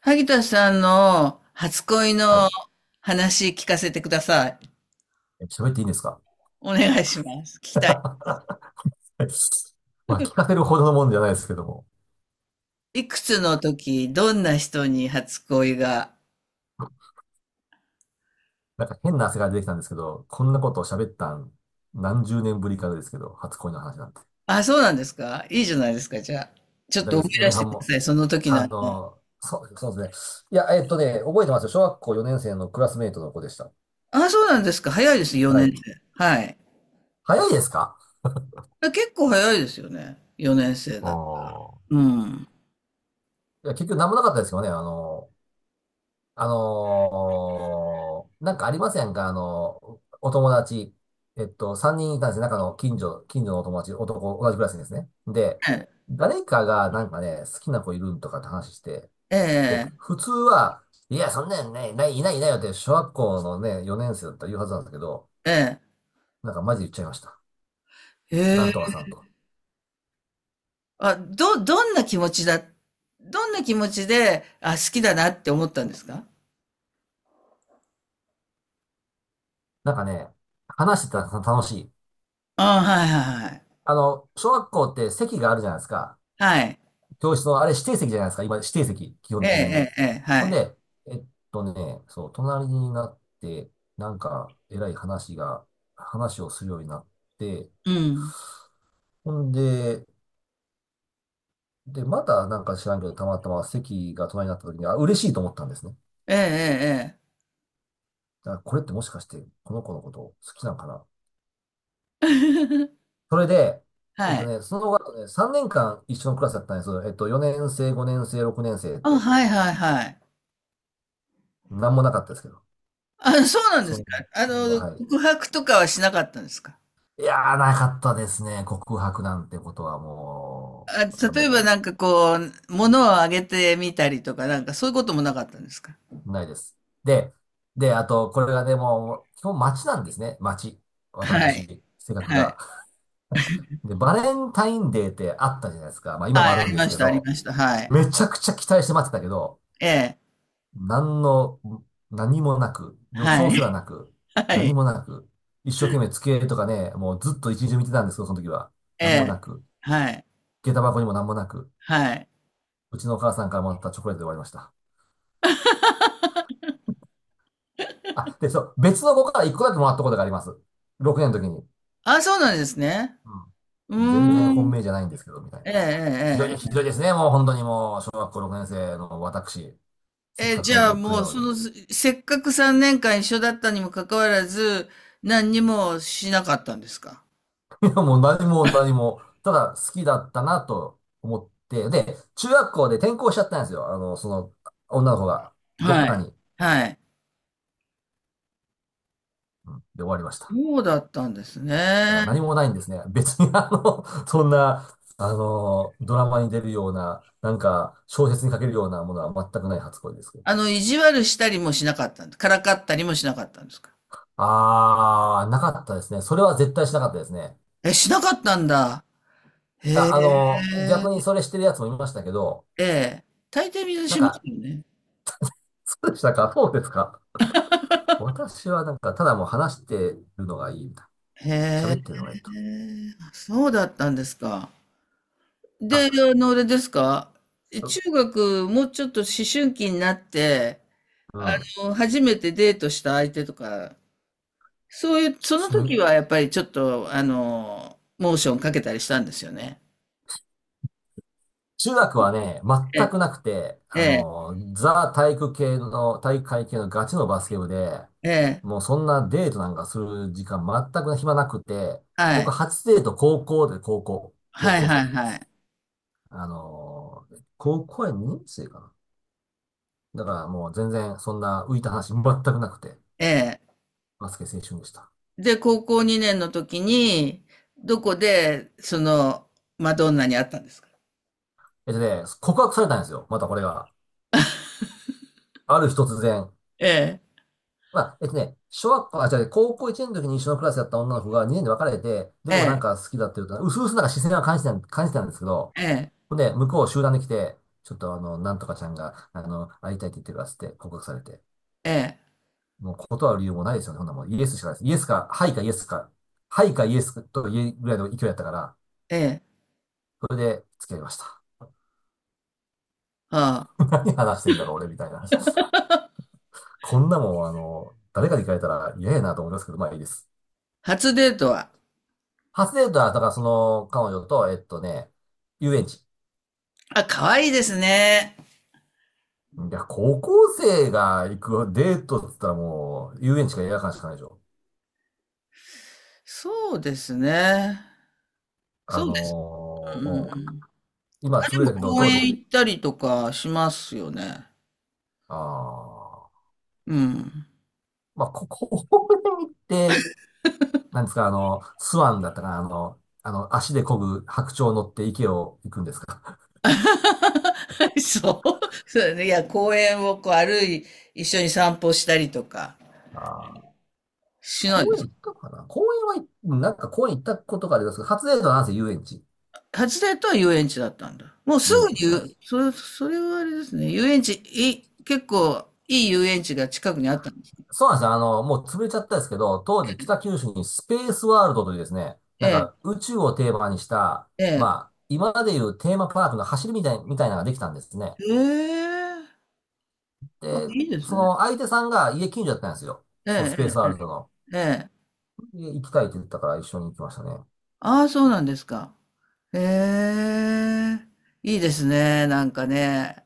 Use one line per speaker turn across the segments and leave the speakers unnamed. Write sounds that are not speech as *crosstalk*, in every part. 萩田さんの初恋
は
の
い。
話聞かせてください。
喋っていいんですか？
お願いします。聞きたい。
*laughs* まあ、聞かせるほどのもんじゃないですけども。
いくつの時、どんな人に初恋が。
なんか変な汗が出てきたんですけど、こんなことを喋ったん何十年ぶりかですけど、初恋の話なんて。
あ、そうなんですか。いいじゃないですか、じゃあ。ちょっ
大
と
丈夫で
思い
す。
出
嫁
し
は
て
ん
くだ
も。
さい、その時なんの。
そう、そうですね。いや、覚えてますよ。小学校4年生のクラスメイトの子でした。
あ、そうなんですか。早いです、
は
4年
い。
生。はい。
早いですか？
結構早いですよね。4年生
あ
だ。
あー。
うん。
いや、結局何もなかったですよね。なんかありませんか？お友達。3人いたんですよ。中の近所のお友達、男、同じクラスにですね。で、
え
誰かがなんかね、好きな子いるんとかって話して、で、
え、
普通は、いや、そんなんね、ない、いないいないよって、小学校のね、4年生だったら言うはずなんですけど、
ええ、ええ。
なんかマジで言っちゃいました。な
え
んとかさ
え。
んとか。
どんな気持ちだ、どんな気持ちで、あ、好きだなって思ったんですか？
なんかね、話してたら楽しい。
ああ、はいはいはいはい。
小学校って席があるじゃないですか。教室の、あれ指定席じゃないですか。今、指定席、基
え
本
え
的に。
ええええ、は
ほん
い。
で、えっそう、隣になって、なんか、えらい話が、話をするようになって、
うん。
ほんで、で、またなんか知らんけど、たまたま席が隣になった時に、あ、嬉しいと思ったんですね。
ええええええ。
だからこれってもしかして、この子のこと好きなんかな。
*laughs*
それで、
はい。
その後ね、3年間一緒のクラスだったんです。4年生、5年生、6年生っ
あ、
て、
はいはいはい。
なんもなかったですけど。
あ、そうなんで
そ
すか。あの、
はい。
告白とかはしなかったんですか。
いやー、なかったですね。告白なんてことはも
あ、
う、全
例えば
然
なんかこう、物をあげてみたりとか、なんかそういうこともなかったんですか。
ないです。で、で、あと、これがでも、基本街なんですね。街。
はい。
私、性格
はい。
が。で、バレンタインデーってあったじゃないですか。まあ今も
は
あ
い、あ
るん
り
で
ま
す
し
け
たあり
ど、
ました。はい。
めちゃくちゃ期待して待ってたけど、
ええ。
何の、何もなく、予
は
兆
い。
すらなく、
*laughs* は
何
い。
もなく、一生懸命机とかね、もうずっと一日中見てたんですけど、その時は。
え
何もな
え。
く、
はい。
下駄箱にも何もなく、
はい。
うちのお母さんからもらったチョコレートで終わりました。あ、で、そう、別の子から一個だけもらったことがあります。6年の時に。
あ、そうなんですね。
うん。
う
全然
ー
本
ん。
命じゃないんですけど、みたい
ええ
な。ひどい、
ええ
ひ
え
どいですね、もう本当にもう、小学校6年生の私、せっ
え、
か
じ
く
ゃあ
もうくれ
も
た
う、
の
そ
に。
の、
*laughs*
せっかく3年間一緒だったにもかかわらず、何にもしなかったんですか。
いや、もう何も何も、ただ好きだったなと思って、で、中学校で転校しちゃったんですよ。女の子が、どっ
は
か
い。
に、
はい。
で終わりました。
そうだったんです
だか
ね。
ら何もないんですね。別に*laughs* そんな、ドラマに出るような、なんか、小説に書けるようなものは全くない初恋ですけど。
あの、意地悪したりもしなかったんで、からかったりもしなかったんですか？
あー、なかったですね。それは絶対しなかったですね。
え、しなかったんだ。へ
あ、
え。
逆にそれしてるやつもいましたけど、
ええ。大抵みんな
なん
します
か、
よね。
そうでしたか？そうですか？私はなんか、ただもう話してるのがいいみたいな。
へ
喋ってる
え。
のがいいと。
あ、そうだったんですか。で、
あ、
あの、あれですか。え、中学、もうちょっと思春期になって、
う
あ
ん。
の、初めてデートした相手とか、そういう、その時
中
はやっぱりちょっと、あの、モーションかけたりしたんですよね。
中学はね、
え
全
え、
くなくて、
ええ、
ザ体育会系のガチのバスケ部で、
ええ。
もうそんなデートなんかする時間全く暇なくて、
は
僕
い。
初デート高
はい
校生
は
の
い
時で
は
す。
い。
あの、高校や2年生かな。だからもう全然そんな浮いた話全くなくて、
ええ。
バスケ青春でした。
で、高校2年の時に、どこで、その、マドンナに会ったんですか？
告白されたんですよ。またこれが。ある日突然。
ええ、
まあ、小学校、あ、じゃ高校1年の時に一緒のクラスだった女の子が2年で別れて、で
え
もなん
え、
か好きだっていうと、うすうすなんか視線は感じてたんですけど、
ええ、
ほんで、向こう集団で来て、ちょっとなんとかちゃんが、会いたいって言ってるからっつって告白されて、
ええ、
もう断る理由もないですよね。ほんなもうイエスしかないです。イエスか、はいかイエスか、はいかイエスと言えるぐらいの勢いだったから、
ええ、
それで付き合いました。
はあ。
*laughs* 何話してんだろう、俺みたいな。こんなもん、誰かに聞かれたら嫌やなと思いますけど、まあいいです。
初デートは、
初デートは、だからその彼女と、遊園地。
あ、可愛いですね。
いや、高校生が行くデートって言ったらもう、遊園地か映画館しかないでしょ。
そうですね。
あ
そうです。う
の
んう
うん、
ん。
今潰れたけど、
公
当
園
時、
行ったりとかしますよね。
ああ、
うん。
まあ、*laughs* こに行って、なんですか、スワンだったかな、足で漕ぐ白鳥乗って池を行くんですか？
*laughs* そう。そうだね。いや、公園をこう歩い、一緒に散歩したりとか
*laughs* ああ、
しな
公
いです
園
か。
行ったかな、公園は、なんか公園行ったことがありますけど、初デートはなんせ遊園地。
初デートは遊園地だったんだ。もうす
遊
ぐ
園
に言
地、は
う、
い。
それ、それはあれですね。遊園地、い、結構いい遊園地が近くにあったんです。
そうなんですよ。もう潰れちゃったんですけど、当時北九州にスペースワールドというですね、
え
なん
え、
か宇宙をテーマにした、
ええ。
まあ、今までいうテーマパークの走りみたいなのができたんですね。
ええ。あ、
で、
いいです
そ
ね。
の相手さんが家近所だったんですよ。
え
そのス
え、
ペース
え
ワー
え、
ルドの。
ええ。
で行きたいって言ったから一緒に行きましたね。
ああ、そうなんですか。ええ。いいですね。なんかね。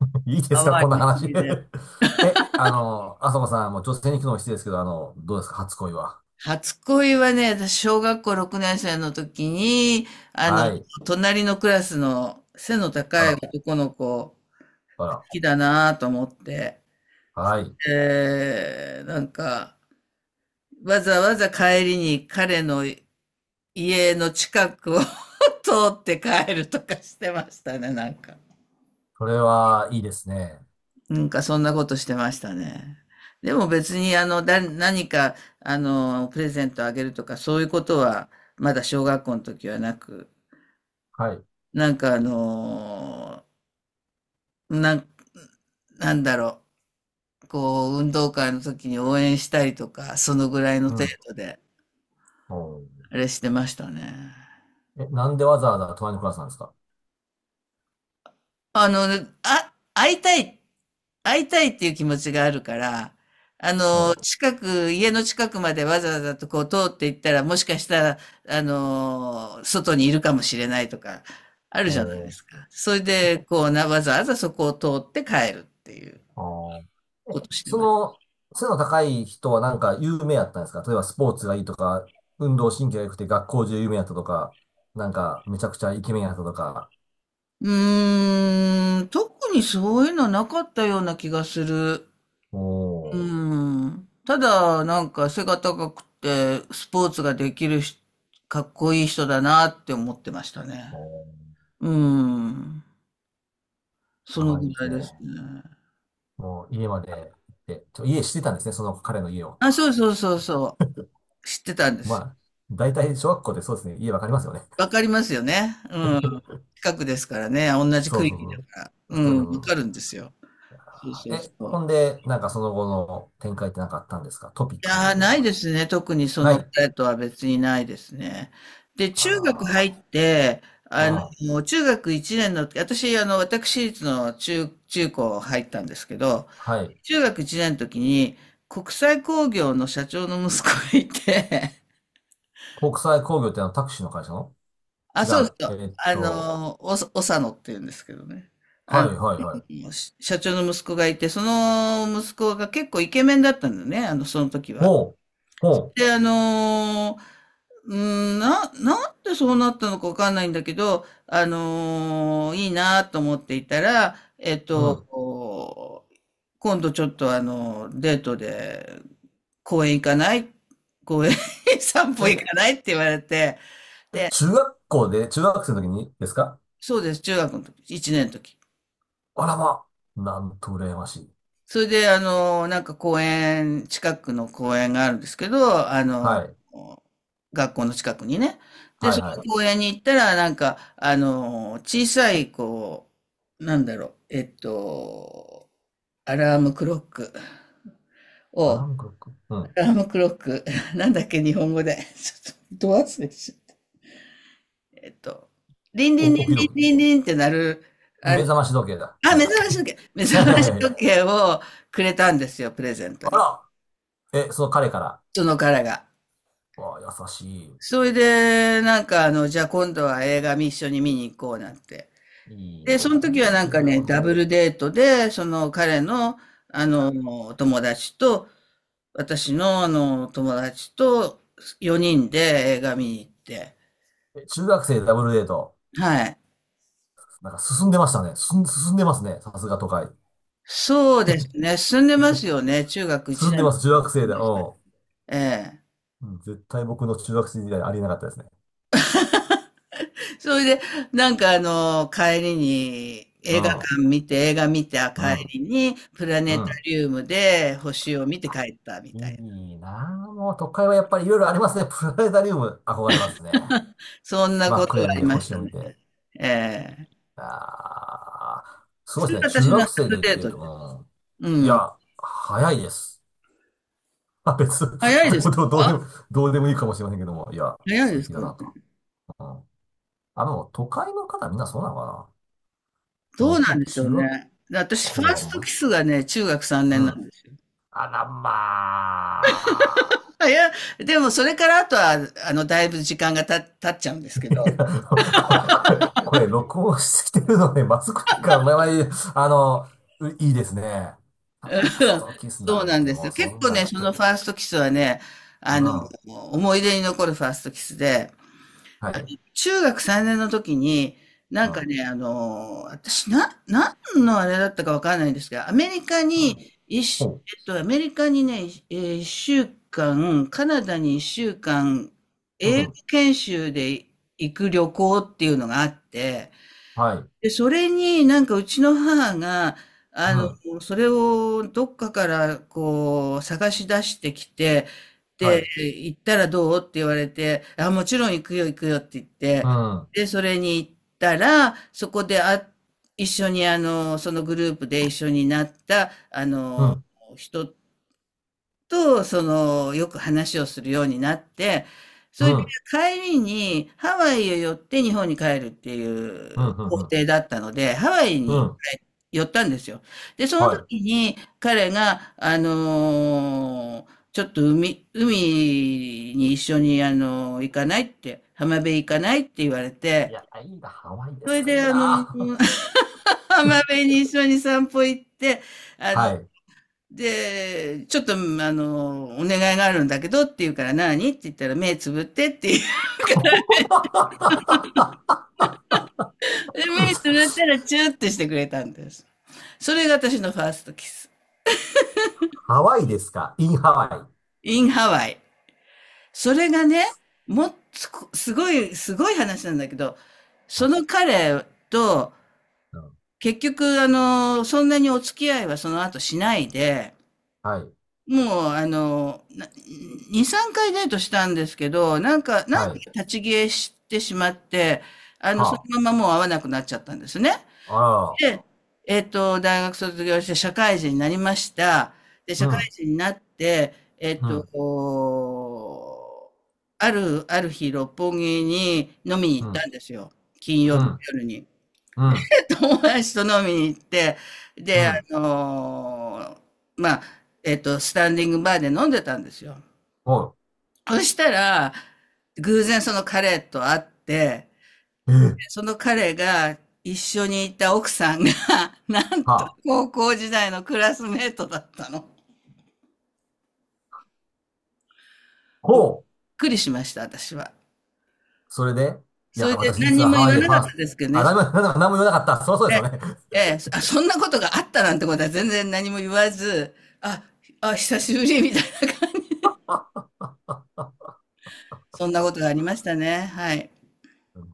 *laughs* いいですか？
淡
こん
い
な
思
話。
い出。
*laughs* え、あさこさん、もう女性に聞くのも失礼ですけど、どうですか？初恋は。
初恋はね、私、小学校6年生の時に、あの、
はい。
隣のクラスの背の
あ
高い
ら、
男の子、好
あら。
きだなぁと思って、
はい。
なんか、わざわざ帰りに彼の家の近くを *laughs* 通って帰るとかしてましたね、なんか。
それはいいですね。
なんか、そんなことしてましたね。でも別に、何か、あの、プレゼントあげるとか、そういうことは、まだ小学校の時はなく、
はい。
なんかあのーなん、なんだろう、こう、運動会の時に応援したりとか、そのぐらいの
う
程
ん。
度で、
おー。
あれしてましたね。
なんでわざわざ隣のクラスなんですか？
あの、あ、会いたい、会いたいっていう気持ちがあるから、あ
う
の、
ん。
近く、家の近くまでわざわざとこう通っていったら、もしかしたら、あの、外にいるかもしれないとか、ある
お
じゃないで
ー。
すか。それで、こうな、わざわざそこを通って帰るっていう
あー。
こ
え、
として
そ
ます。
の、背の高い人はなんか有名やったんですか？例えばスポーツがいいとか、運動神経が良くて学校中有名やったとか、なんかめちゃくちゃイケメンやったとか。
うーん、特にそういうのなかったような気がする。
お
う
ー、
ん。ただ、なんか背が高くて、スポーツができるし、かっこいい人だなって思ってましたね。
おー、
うん。その
甘い
ぐ
です
らいです
ね。
ね。
もう家まで行って、家知ってたんですね、その彼の家を。
あ、そう
*laughs*
そうそうそう。知ってたんで
ま
すよ。
あ、大体小学校でそうですね、家わかりますよね。
わかりますよね。うん。近くですからね。同じ
そう
区
そう
域
そ
だ
う。
から。う
そ
ん。
う
わか
そ
る
う。
んですよ。そうそう
え、
そ
ほ
う。
んで、なんかその後の展開ってなんかあったんですか？トピッ
い
クみた
や
い
ー、
な
な
の
い
は。
ですね。特にそ
な
の
い。
彼とは別にないですね。で、中学入
あ
って、
ら
あ
ー、うん。
の、中学1年の、私、あの、私立の中高入ったんですけど、
はい。
中学1年の時に、国際興業の社長の息子がいて、
国際工業ってあのタクシーの会社の？
*laughs* あ、
違
そう
う。
そう、おさのって言うんですけどね。あ
はいはいはい。
の、社長の息子がいて、その息子が結構イケメンだったんだね、あの、その時は。
ほう、ほ
で、うなんでそうなったのかわかんないんだけど、あのーいいなと思っていたら、えっ
う、う
と、
ん。
今度ちょっとあの、デートで公園行かない公園 *laughs* 散歩行
え、
かないって言われて、
え、
で、
中学生の時にですか？
そうです、中学の時、1年の時。
あらま、なんと羨ましい。
それで、あの、なんか公園、近くの公園があるんですけど、あの、
はい、
学校の近くにね。で、
はい
そ
は
の
い。
公園に行ったら、なんか、あの、小さい、こう、なんだろう、えっと、アラームクロック
アラ
を、
ームクロック、うん。
アラームクロック、*laughs* なんだっけ、日本語で。*laughs* ちょっと、ど忘れしちゃった。えっと、リンリン
お、
リン
起き
リン
時計
リンリンって鳴る、あ
目
の、
覚まし時計だ。はい。
目
はい
覚ま
は
し
いはい。
時計をくれたんですよ、プレゼント
あ
に。
ら、その彼から。
その彼が。
わあ、優しい。
それで、なんかあの、じゃあ今度は映画見一緒に見に行こうなんて。
いい
で、そ
な
の時は
ぁ。
なん
中
か
学
ね、
校の
ダ
時
ブ
に。
ルデートで、その彼の、あの、友達と、私のあの、友達と4人で映画見に行って。
え、中学生ダブルデート。
はい。
なんか進んでましたね。進んでますね。さすが都会。
そうですね。進んでますよね。中学1
進んで
年。
ます。中学生で。うん。
ええ。
うん、絶対僕の中学生時代ありえなかったですね。
それで、なんかあの、帰りに、
う
映画
ん。
館見て、映画見た
う
帰
ん。
りに、プラ
う
ネタ
ん。
リウムで星を見て帰ったみたいな。
いいなぁ。もう都会はやっぱりいろいろありますね。プラネタリウム憧れますね。
そんな
真
こ
っ
と
暗
が
闇
あ
で
りまし
星
た
を見
ね。
て。
ええ。
ああ、すご
そ
い
れ
ですね。
が
中
私の
学生
初
で
デー
デ
ト
ー
で
ト。
す。う
うん。い
ん。
や、早いです。まあ、別、
早いで
*laughs*
す
どう、どうどうで
か？
も、どうでもいいかもしれませんけども、いや、
早い
素
です
敵だ
かね。
なと。うん。都会の方みんなそうなのかな。
どうな
僕、
んでしょう
中学
ね。で、私フ
校
ァー
は、
スト
ま、
キスがね、中学3
う
年な
ん。
んですよ。
あら、まあ。
あいやでもそれからあとは、あの、だいぶ時間が経っちゃうんですけ
*laughs* い
ど。
や、こここれ、録音してきてるので、まずくか、まあまあいい、あの、ういいですね。
*laughs*
ファ
う
ース
ん。
トキス
そ
な
うな
ん
ん
て
です
も
よ。
う、
結
そん
構
な
ね、そ
人、う
のフ
ん。
ァーストキスはね、あの、
は
思い出に残るファーストキスで、
い。
中学3年の時に、な
う
んか
ん。
ね、あの、何のあれだったかわかんないんですが、アメリカ
うん。
に、一週、
ほ
えっと、アメリカにね、えー一週間、カナダに一週間、
う。う
英語
ん。
研修で行く旅行っていうのがあって、
はい。
で、それになんかうちの母が、あ
う
の、
ん。
それをどっかからこう探し出してきて、
は
で、
い。
行ったらどうって言われて、あ、もちろん行くよ行くよって言っ
う
て、
ん。
で、それに行ったら、そこであ、一緒にあの、そのグループで一緒になった、あ
う
の、
ん。
人と、その、よく話をするようになって、そ
うん。
れで
うん。
帰りにハワイへ寄って日本に帰るってい
うん。
う
う
行
ん。うん
程だったので、ハワイ
う
に
ん。
寄ったんですよ。で、その
は
時に彼が、あのーちょっと海、海に一緒に、あのー行かないって、浜辺行かないって言われ
い。い
て、
や、いいな、ハワイで
そ
す
れ
か、
で、
いい
あのー
な。*laughs*
*laughs* 浜辺に一緒に散歩行って、あの
はい。
で、ちょっと、あの、お願いがあるんだけどって言うから何って言ったら目つぶってって言う。*laughs*
*laughs*
で目つぶったらチューってしてくれたんです。それが私のファーストキス。
ハワイですかインハワ
in ハワイ。それがね、もっと、すごい、すごい話なんだけど、
イ。は
そ
い。
の彼と、
うん。
結局、あの、そんなにお付き合いはその後しないで、
はい。
もう、2、3回デートしたんですけど、なんかな
は
んか
い。
立ち消えしてしまって、あの、そ
は
のままもう会わなくなっちゃったんですね。
あ。あらら
で、えっと、大学卒業して社会人になりました。で、
ら。う
社会
ん。
人になって、えっ
う
と、
ん。
こう、ある日、六本木に飲みに
う
行った
ん。
んですよ。金曜日の
う
夜に。
ん。
*laughs* 友達と飲みに行って、
う
で、あ
ん。
のーまあ、えっと、スタンディングバーで飲んでたんですよ。
お
そしたら、偶然その彼と会って、
い。えー
その彼が一緒にいた奥さんが、*laughs* なん
は
と
あ。
高校時代のクラスメートだったの。びっ
ほう。
くりしました、私は。
それで、い
そ
や、
れで
私
何
実
に
は
も
ハ
言
ワイ
わ
でフ
な
ァー
かっ
ス
た
ト、
ですけど
あ、
ね。
なんも、なんも、なんも言わなかった。そりゃ
え
そうで
え、
すよね。
そんなことがあったなんてことは全然何も言わず、あ、あ、久しぶりみたいな。そんなことがありましたね。はい。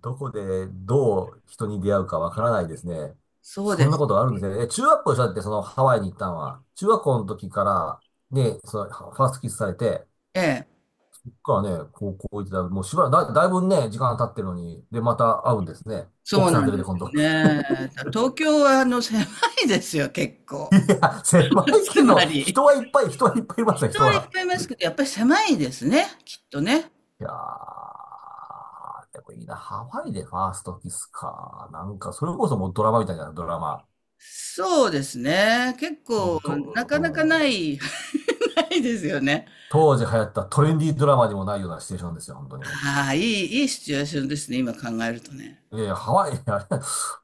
どこでどう人に出会うかわからないですね。
そう
そ
で
んな
す。
ことがあるんですね。え、中学校でしょだってそのハワイに行ったのは。中学校の時から、ね、そのファーストキスされて、
ええ。
そっからね、高校行ってたら、もうしばらくだ、だいぶね、時間経ってるのに、で、また会うんですね。
そう
奥さん
なん
連れ
で
で
す
今度。
ね。東京はあの狭いですよ、結
*laughs* い
構。
や、狭
*laughs*
い
つ
け
ま
ど、人
り。
はいっぱい、人はいっぱいいますね、
人
人
はいっ
は。
ぱいいますけど、やっぱり狭いですね、きっとね。
いやー、でもいいな。ハワイでファーストキスか。なんか、それこそもうドラマみたいな、ドラマ。
そうですね。結
もう
構なかなか
と、
な
うん。
い *laughs* ないですよね。
当時流行ったトレンディードラマにもないようなシチュエーションですよ、本当にも
ああ、いい、いいシチュエーションですね、今考えるとね。
う。いやいや、ハワイ、あれ、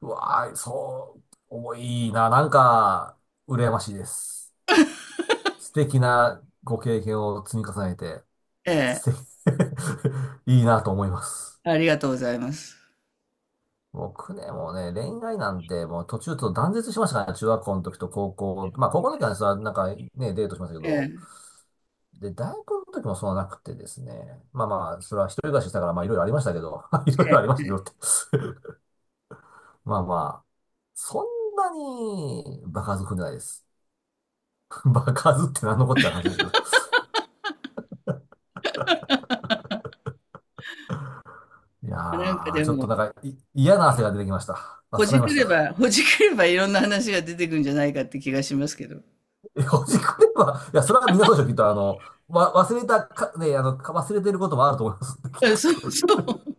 うわー、そう、重いな、なんか、羨ましいです。素敵なご経験を積み重ねて、
ええ、
素敵、*laughs* いいなと思います。
ありがとうございます。
僕ね、もうね、恋愛なんて、もう途中と断絶しましたからね、中学校の時と高校。まあ、高校の時はね、それはなんかね、デートしましたけ
え
ど、
え、
で、大学の時もそうはなくてですね。まあまあ、それは一人暮らししたから、まあいろいろありましたけど、*laughs* いろいろありまし
え
たけどってまあまあ、そんなに場数踏んでないです。*laughs* 場数って何のこっちゃの話ですけど。いや
え、なんかで
ー、ちょっ
も、
となんか、い、嫌な汗が出てきました。
ほ
暑くな
じ
り
く
まし
れ
た。
ば、ほじくればいろんな話が出てくるんじゃないかって気がしますけど。
え、ほじくれば、いや、それは皆そうでしょ、きっと、わ、忘れたか、ね、か忘れてることもあると思います。
えそ
*laughs*
う、そう。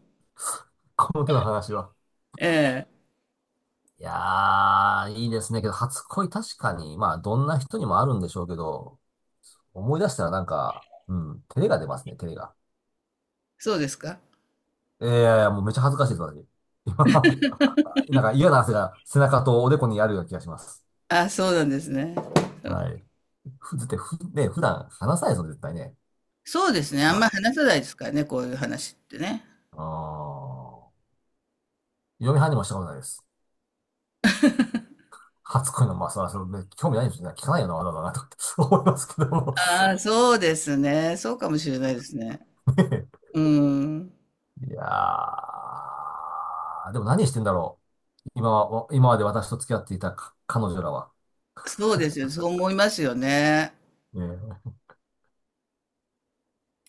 この手の話は。
ええ、
いやー、いいですね。けど、初恋確かに、まあ、どんな人にもあるんでしょうけど、思い出したらなんか、うん、照れが出ますね、照れが。
そうですか。
ええいやいや、もうめっちゃ恥ずかしいです、私。今 *laughs* なんか嫌な汗が背中とおでこにあるような気がします。
あ、そうなんですね。
はい。ふ、ずって、ふ、ね、普段話さないですよ、絶対ね。
そうですね。あん
ま
まり話さないですからね、こういう話ってね。
あ、あー嫁はんにもしたことないです。初恋の、まあ、それは、それね興味ないんですよね。聞かないよな、わざわざな、とかって思いますけども。*laughs*
ああ、そうですね。そうかもしれないですね。
ね
うん。
えいやー、でも何してんだろう。今は、今まで私と付き合っていたか彼女らは。
そうですよ。そう思いますよね。
ねえ